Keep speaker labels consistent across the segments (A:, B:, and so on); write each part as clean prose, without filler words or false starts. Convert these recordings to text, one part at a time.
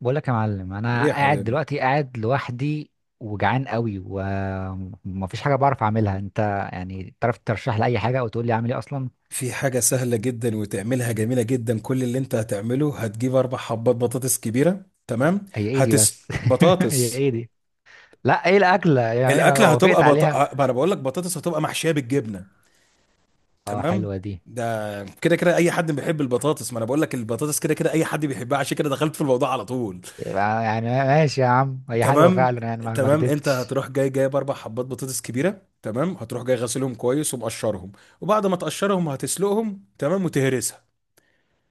A: بقول لك يا معلم،
B: ايه
A: انا
B: يا
A: قاعد
B: حبيبي.
A: دلوقتي قاعد لوحدي، وجعان قوي ومفيش حاجه بعرف اعملها. انت يعني تعرف ترشح لي اي حاجه او تقول لي اعمل ايه اصلا؟
B: في حاجة سهلة جدا وتعملها جميلة جدا. كل اللي انت هتعمله، هتجيب اربع حبات بطاطس كبيرة. تمام؟
A: هي ايه دي
B: هتس
A: بس؟ هي
B: بطاطس.
A: ايه دي؟ لا، ايه الاكله يعني انا
B: الاكلة
A: وافقت
B: هتبقى
A: عليها؟
B: ما انا بقول لك بطاطس هتبقى محشية بالجبنة.
A: اه،
B: تمام.
A: حلوه دي.
B: ده كده كده اي حد بيحب البطاطس. ما انا بقول لك البطاطس كده كده اي حد بيحبها، عشان كده دخلت في الموضوع على طول.
A: يبقى يعني ماشي يا عم، هي حلوه
B: تمام.
A: فعلا يعني ما
B: تمام، انت
A: كدبتش.
B: هتروح جاي جايب اربع حبات بطاطس كبيرة. تمام. هتروح جاي غاسلهم كويس ومقشرهم، وبعد ما تقشرهم هتسلقهم. تمام، وتهرسهم.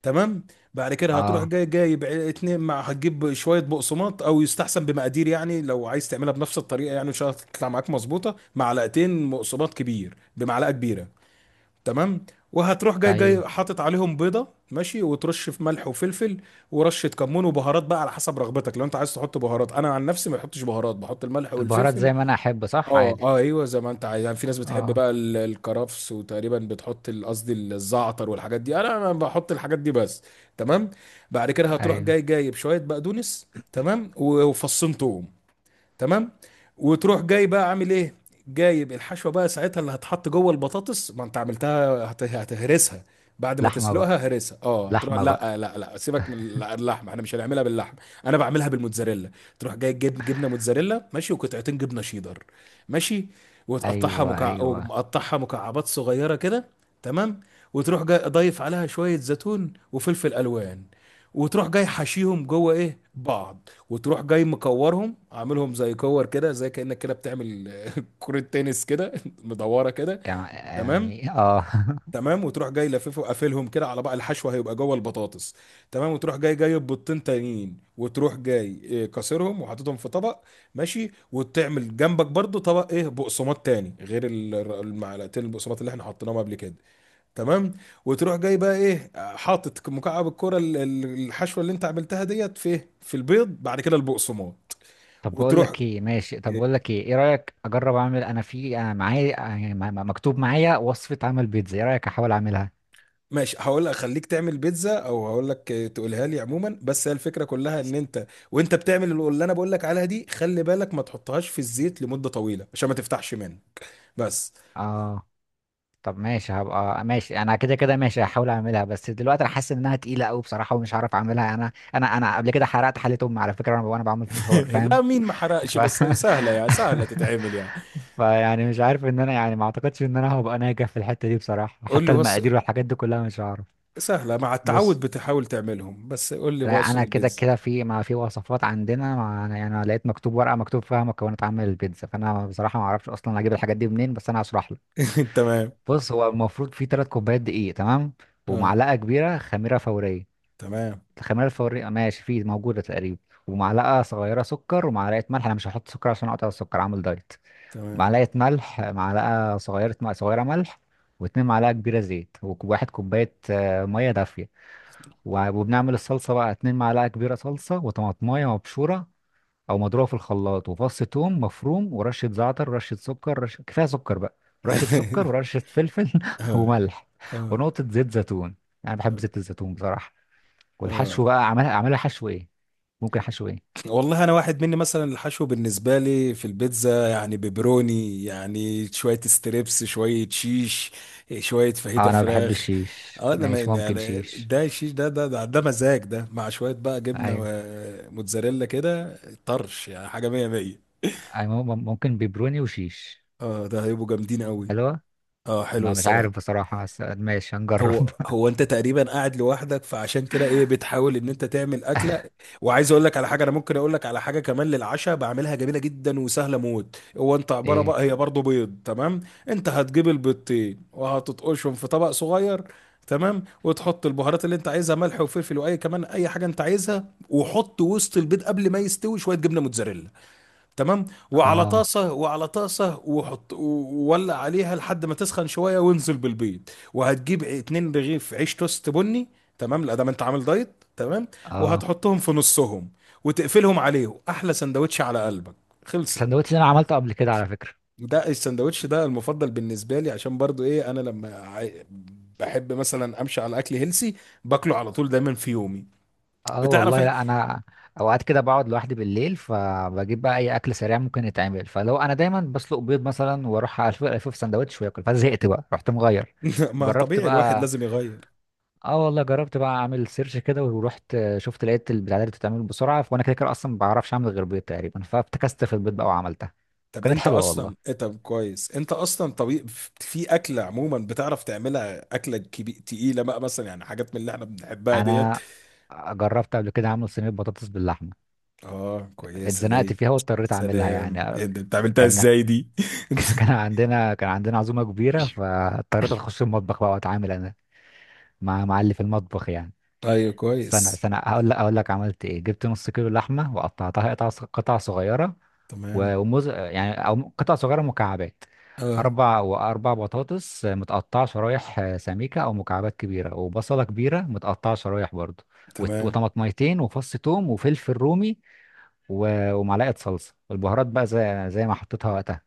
B: تمام. بعد كده هتروح
A: اه،
B: جاي جايب ع- اتنين مع هتجيب شويه بقسماط، او يستحسن بمقادير، يعني لو عايز تعملها بنفس الطريقه، يعني ان شاء الله تطلع معاك مظبوطه، معلقتين بقسماط كبير بمعلقه كبيره. تمام. وهتروح جاي
A: ايوه.
B: جاي حاطط عليهم بيضه، ماشي، وترش في ملح وفلفل ورشه كمون وبهارات بقى على حسب رغبتك. لو انت عايز تحط بهارات. انا عن نفسي ما بحطش بهارات، بحط الملح
A: البهارات
B: والفلفل.
A: زي ما انا احب، صح،
B: اه
A: عادي.
B: اه، ايوه زي ما انت عايز. يعني في ناس بتحب
A: اه،
B: بقى الكرفس، وتقريبا بتحط الزعتر والحاجات دي. انا ما بحط الحاجات دي بس. تمام. بعد كده هتروح
A: ايوه.
B: جاي جايب شويه بقدونس. تمام، وفصين توم. تمام. وتروح جاي بقى عامل ايه؟ جايب الحشوه بقى ساعتها اللي هتحط جوه البطاطس، ما انت عملتها هتهرسها. بعد ما
A: لحمه بقى.
B: تسلقها هرسها، اه، تروح.
A: لحمه بقى.
B: لا لا لا، سيبك من اللحمه، احنا مش هنعملها باللحمه. انا بعملها بالموتزاريلا. تروح جاي جيب جبنه موتزاريلا، ماشي، وقطعتين جبنه شيدر. ماشي.
A: ايوه ايوه.
B: ومقطعها مكعبات صغيره كده. تمام. وتروح جاي ضايف عليها شويه زيتون وفلفل الوان، وتروح جاي حشيهم جوه بعض، وتروح جاي مكورهم، عاملهم زي كور كده، زي كأنك كده بتعمل كرة تنس كده مدورة كده. تمام.
A: اه.
B: تمام، وتروح جاي لففه وقافلهم كده على بقى، الحشوة هيبقى جوه البطاطس. تمام. وتروح جاي جايب بيضتين تانيين، وتروح جاي كسرهم وحاططهم في طبق. ماشي. وتعمل جنبك برضو طبق بقسماط تاني غير المعلقتين البقسماط اللي احنا حطيناهم قبل كده. تمام. وتروح جاي بقى، ايه؟ حاطط مكعب الكرة الحشوة اللي انت عملتها ديت في البيض، بعد كده البقسماط.
A: طب بقول
B: وتروح.
A: لك ايه، ماشي، طب بقول لك ايه، ايه رايك اجرب اعمل انا؟ في انا معايا، يعني مكتوب معايا وصفه عمل بيتزا، ايه رايك احاول اعملها؟
B: ماشي، هقول لك خليك تعمل بيتزا، او هقول لك تقولها لي عموما. بس هي الفكره كلها، ان انت وانت بتعمل اللي انا بقول لك عليها دي، خلي بالك ما تحطهاش في الزيت لمده طويله، عشان ما تفتحش منه. بس.
A: اه. طب ماشي، هبقى ماشي، انا كده كده ماشي هحاول اعملها، بس دلوقتي انا حاسس انها تقيله قوي بصراحه ومش هعرف اعملها. انا قبل كده حرقت حله امي على فكره وأنا بعمل فشار، فاهم؟
B: لا، مين ما حرقش؟
A: ف
B: بس سهله، يعني سهله تتعمل يعني.
A: فيعني مش عارف ان انا، يعني ما اعتقدش ان انا هبقى ناجح في الحته دي بصراحه،
B: قول لي.
A: حتى
B: بص،
A: المقادير والحاجات دي كلها مش هعرف.
B: سهله مع التعود،
A: بص،
B: بتحاول تعملهم. بس قول لي،
A: لا
B: بقصد
A: انا كده
B: البيتزا.
A: كده في، ما في وصفات عندنا، ما أنا- يعني انا لقيت مكتوب ورقه مكتوب فيها مكونات عمل البيتزا، فانا بصراحه ما اعرفش اصلا اجيب الحاجات دي منين، بس انا هشرح لك.
B: تمام.
A: بص، هو المفروض في 3 كوبايات دقيق، تمام؟
B: اه.
A: ومعلقه كبيره خميره فوريه.
B: تمام،
A: الخميره الفوريه ماشي، في موجوده تقريبا. ومعلقه صغيره سكر ومعلقه ملح. انا مش هحط سكر عشان اقطع السكر، عامل دايت.
B: تمام.
A: معلقه ملح، معلقه صغيره ملح. و2 معلقه كبيره زيت، و1 كوبايه ميه دافيه. وبنعمل الصلصة بقى، 2 معلقة كبيرة صلصة، وطماطماية مبشورة أو مضروبة في الخلاط، وفص توم مفروم، ورشة زعتر، رشة سكر، رشة كفاية سكر بقى، رشة سكر ورشة فلفل،
B: اه
A: وملح.
B: اه.
A: ونقطة زيت زيتون. أنا بحب زيت الزيتون بصراحة. والحشو
B: اه
A: بقى، أعملها أعملها حشو إيه؟ ممكن حشو إيه؟
B: والله، انا واحد مني مثلا الحشو بالنسبه لي في البيتزا، يعني بيبروني، يعني شويه ستريبس، شويه شيش، شويه
A: أه،
B: فاهيتا
A: أنا بحب
B: فراخ.
A: الشيش،
B: اه. انا، ما
A: ماشي، ممكن
B: يعني،
A: شيش.
B: ده الشيش ده مزاج، ده مع شويه بقى جبنه
A: أيوه
B: موتزاريلا كده، طرش، يعني حاجه مية مية.
A: أيوه، ممكن بيبروني وشيش.
B: اه، ده هيبقوا جامدين قوي.
A: حلوة.
B: اه، حلو
A: ما مش عارف
B: الصراحه.
A: بصراحة، بس ماشي هنجرب.
B: هو، هو انت تقريبا قاعد لوحدك، فعشان كده بتحاول ان انت تعمل اكله. وعايز اقول لك على حاجه. انا ممكن اقول لك على حاجه كمان للعشاء، بعملها جميله جدا وسهله موت. هو انت عباره
A: إيه؟
B: بقى، هي برضو بيض. تمام. انت هتجيب البيضتين وهتطقشهم في طبق صغير. تمام. وتحط البهارات اللي انت عايزها، ملح وفلفل، واي كمان اي حاجه انت عايزها. وحط وسط البيض، قبل ما يستوي، شويه جبنه موتزاريلا. تمام. وعلى
A: أه.
B: طاسة وعلى طاسة وولع عليها لحد ما تسخن شوية، وانزل بالبيض. وهتجيب اتنين رغيف عيش توست بني. تمام، لا، ده ما انت عامل دايت. تمام.
A: أه،
B: وهتحطهم في نصهم وتقفلهم عليه، احلى سندوتش على قلبك. خلصت.
A: السندوتش ده انا عملته قبل كده على فكره.
B: ده السندوتش ده المفضل بالنسبة لي، عشان برضو انا لما بحب مثلا امشي على اكل هيلسي، باكله على طول دايما في يومي.
A: اه
B: بتعرف
A: والله،
B: إيه؟
A: لا انا اوقات كده بقعد لوحدي بالليل، فبجيب بقى اي اكل سريع ممكن يتعمل. فلو انا دايما بسلق بيض مثلا واروح الف الف في سندوتش واكل، فزهقت بقى، رحت مغير.
B: ما
A: جربت
B: طبيعي، الواحد
A: بقى.
B: لازم يغير.
A: اه والله، جربت بقى اعمل سيرش كده، ورحت شفت لقيت البتاع دي بتتعمل بسرعه، وانا كده كده اصلا ما بعرفش اعمل غير بيض تقريبا، فابتكست في البيض بقى وعملتها. كانت حلوه والله.
B: طب كويس، انت اصلا طبيب. في اكله عموما بتعرف تعملها، اكله تقيله بقى، مثلا، يعني، حاجات من اللي احنا بنحبها ديت.
A: انا جربت قبل كده اعمل صينيه بطاطس باللحمه.
B: اه، كويسه
A: اتزنقت
B: دي.
A: فيها واضطريت اعملها
B: سلام،
A: يعني.
B: ايه ده، انت عملتها
A: كان
B: ازاي دي؟
A: كان عندنا عزومة كبيرة، فاضطريت اخش المطبخ بقى واتعامل انا مع اللي في المطبخ يعني.
B: ايوه،
A: استنى
B: كويس.
A: استنى، هقول لك هقول لك عملت ايه. جبت نص كيلو لحمة وقطعتها قطع قطع صغيرة.
B: تمام.
A: وموز، يعني او قطع صغيرة مكعبات.
B: اه.
A: اربع، واربع بطاطس متقطعة شرايح سميكة او مكعبات كبيرة، وبصلة كبيرة متقطعة شرايح برضو.
B: تمام،
A: وطماطميتين وفص توم وفلفل رومي. ومعلقة صلصة، والبهارات بقى زي ما حطيتها وقتها.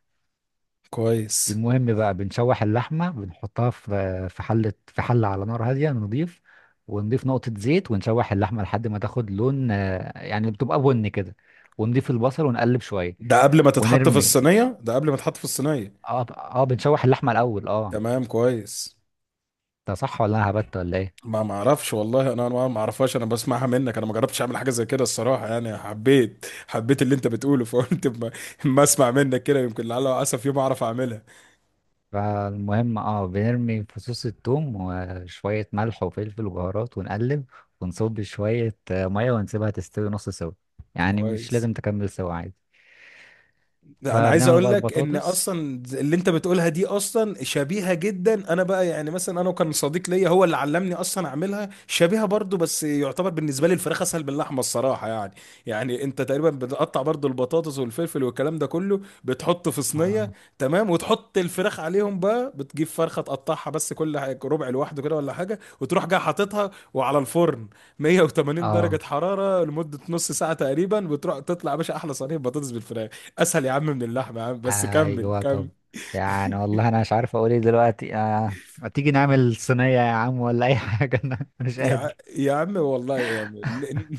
B: كويس.
A: المهم بقى، بنشوح اللحمة، بنحطها في حلة على نار هادية نضيف، ونضيف نقطة زيت ونشوح اللحمة لحد ما تاخد لون، يعني بتبقى بني كده. ونضيف البصل ونقلب شوية
B: ده قبل ما تتحط في
A: ونرمي.
B: الصينيه، ده قبل ما تتحط في الصينيه.
A: اه اه، بنشوح اللحمة الأول، اه.
B: تمام، كويس.
A: ده صح ولا أنا هبت ولا ايه؟
B: ما اعرفش والله، انا ما اعرفهاش، انا بسمعها منك. انا ما جربتش اعمل حاجه زي كده الصراحه، يعني حبيت اللي انت بتقوله، فقلت ما اسمع منك كده، يمكن لعل وعسى في يوم اعرف اعملها.
A: فالمهم، اه، بنرمي فصوص الثوم وشوية ملح وفلفل وبهارات ونقلب، ونصب شوية مية ونسيبها تستوي نص سوا. يعني مش
B: كويس.
A: لازم تكمل سوا، عادي.
B: لا، انا عايز
A: فبنعمل
B: اقول
A: بقى
B: لك ان
A: البطاطس
B: اصلا اللي انت بتقولها دي اصلا شبيهه جدا. انا بقى، يعني مثلا، انا وكان صديق ليا هو اللي علمني اصلا اعملها شبيهه برضو. بس يعتبر بالنسبه لي الفراخ اسهل باللحمه الصراحه يعني. يعني انت تقريبا بتقطع برضو البطاطس والفلفل والكلام ده كله، بتحطه في صينيه.
A: آه،
B: تمام. وتحط الفراخ عليهم بقى، بتجيب فرخه تقطعها بس كل ربع لوحده كده ولا حاجه، وتروح جاي حاططها وعلى الفرن، 180 درجه
A: اه
B: حراره لمده نص ساعه تقريبا. بتروح تطلع يا باشا احلى صينيه بطاطس بالفراخ. اسهل يا عم من اللحمه يا عم، بس كمل
A: ايوه،
B: كمل.
A: طب. يعني والله انا مش عارف اقول ايه دلوقتي. ما تيجي نعمل صينية يا عم ولا اي حاجة؟ انا مش
B: يا ع-
A: قادر.
B: يا عم والله يا عم، ن-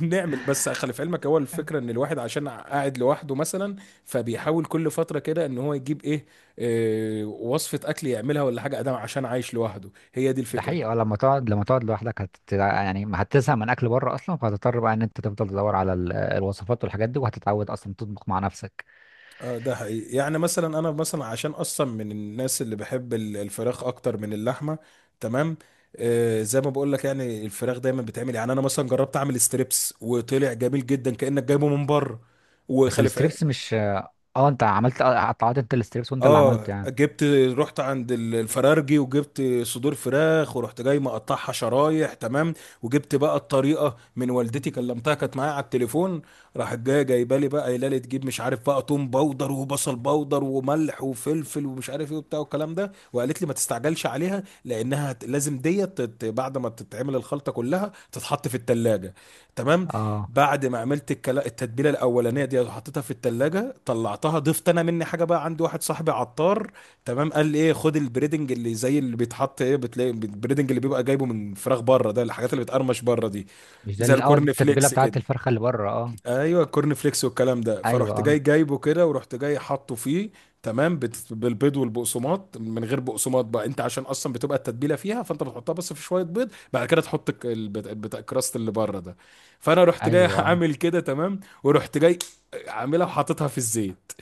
B: ن- نعمل بس. خلي في علمك، هو الفكره ان الواحد عشان قاعد لوحده مثلا، فبيحاول كل فتره كده ان هو يجيب إيه وصفه اكل يعملها ولا حاجه ادام، عشان عايش لوحده. هي دي
A: ده
B: الفكره.
A: حقيقي. اه، لما تقعد لوحدك، هت... يعني ما هتزهق من اكل بره اصلا، فهتضطر بقى ان انت تفضل تدور على الوصفات والحاجات دي، وهتتعود اصلا تطبخ مع نفسك.
B: اه، ده حقيقي. يعني مثلا انا، مثلا عشان اصلا من الناس اللي بحب الفراخ اكتر من اللحمه. تمام. زي ما بقول لك، يعني الفراخ دايما بتعمل، يعني انا مثلا جربت اعمل ستريبس وطلع جميل جدا كانك جايبه من بره.
A: بس
B: وخلف.
A: الستريبس مش، اه، انت عملت، اه، قطعت انت الستريبس وانت اللي
B: اه
A: عملته يعني؟
B: جبت، رحت عند الفرارجي وجبت صدور فراخ، ورحت جاي مقطعها شرايح. تمام. وجبت بقى الطريقه من والدتي، كلمتها كانت معايا على التليفون، راحت جايه جايبه لي بقى قايله لي تجيب، مش عارف بقى، توم باودر وبصل باودر وملح وفلفل ومش عارف ايه وبتاع والكلام ده، وقالت لي ما تستعجلش عليها، لانها لازم ديت بعد ما تتعمل الخلطه كلها تتحط في التلاجة. تمام.
A: اه.
B: بعد ما عملت التتبيله الاولانيه دي وحطيتها في التلاجة، طلعتها، ضفت انا مني حاجه بقى. عندي واحد صاحبي عطار، تمام، قال لي خد البريدنج اللي زي اللي بيتحط بتلاقي البريدنج اللي بيبقى جايبه من فراخ بره ده، الحاجات اللي بتقرمش بره دي،
A: مش ده
B: زي
A: اللي، اه، دي
B: الكورن
A: التتبيلة
B: فليكس
A: بتاعت
B: كده.
A: الفرخة اللي بره؟ اه.
B: ايوه، الكورن فليكس والكلام ده،
A: ايوه،
B: فرحت
A: اه.
B: جاي جايبه كده، ورحت جاي حاطه فيه. تمام. بالبيض والبقسماط، من غير بقسماط بقى انت، عشان اصلا بتبقى التتبيله فيها، فانت بتحطها بس في شويه بيض، بعد كده تحط البتاع الكراست اللي بره ده. فانا رحت جاي
A: ايوه، اه
B: عامل كده. تمام. ورحت جاي عاملها وحاططها في الزيت.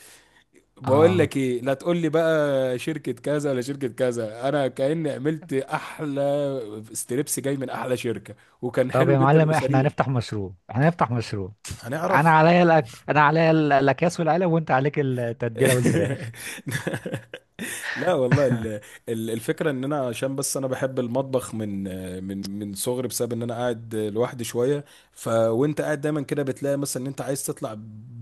B: بقول
A: آه.
B: لك ايه، لا تقول لي بقى شركه كذا ولا شركه كذا، انا كاني عملت احلى ستريبس جاي من احلى شركه. وكان
A: طب
B: حلو
A: يا
B: جدا
A: معلم، احنا
B: وسريع.
A: هنفتح مشروع. احنا هنفتح مشروع. انا
B: هنعرف.
A: عليا انا عليا الاكياس والعلب، وانت عليك التتبيله والفراخ.
B: لا والله، ال- ال- الفكره ان انا، عشان بس انا بحب المطبخ من صغري، بسبب ان انا قاعد لوحدي شويه. فوانت قاعد دايما كده بتلاقي مثلا ان انت عايز تطلع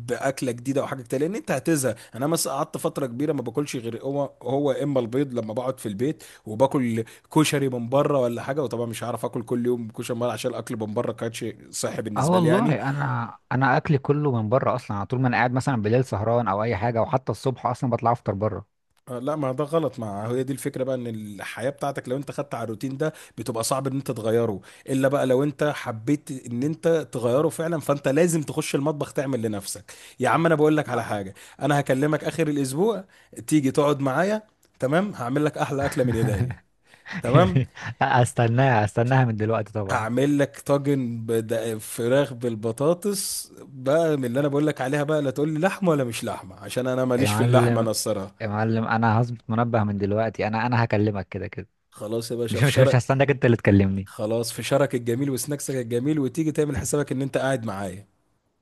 B: باكله جديده او حاجه جديده، لان انت هتزهق. انا مثلا قعدت فتره كبيره ما باكلش غير هو هو، اما البيض لما بقعد في البيت، وباكل كشري من بره ولا حاجه. وطبعا مش هعرف اكل كل يوم كشري من بره، عشان الاكل من بره كانش صحي
A: اه
B: بالنسبه لي يعني.
A: والله، انا اكلي كله من بره اصلا على طول. ما انا قاعد مثلا بالليل سهران او اي حاجه، وحتى الصبح اصلا بطلع افطر بره.
B: آه، لا، ما ده غلط. ما هي دي الفكره بقى، ان الحياه بتاعتك لو انت خدت على الروتين ده، بتبقى صعب ان انت تغيره، الا بقى لو انت حبيت ان انت تغيره فعلا، فانت لازم تخش المطبخ تعمل لنفسك. يا عم انا بقول لك على حاجه، انا هكلمك اخر الاسبوع، تيجي تقعد معايا. تمام، هعمل لك احلى اكله من ايديا. تمام،
A: استناها استناها من دلوقتي طبعا.
B: هعمل لك طاجن فراخ بالبطاطس بقى، من اللي انا بقول لك عليها بقى. لا تقول لي لحمه ولا مش لحمه، عشان انا
A: يا
B: ماليش في اللحمه انا
A: معلم،
B: الصراحه.
A: يا معلم، انا هظبط منبه من دلوقتي، انا هكلمك كده كده.
B: خلاص يا باشا،
A: مش
B: في
A: مش مش
B: شرق.
A: هستناك انت اللي تكلمني.
B: خلاص، فشارك الجميل وسناكسك الجميل، وتيجي تعمل حسابك ان انت قاعد معايا.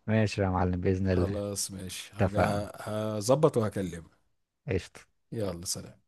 A: ماشي يا معلم، باذن الله.
B: خلاص، ماشي،
A: اتفقنا.
B: هظبط وهكلمك.
A: قشطه.
B: يلا، سلام.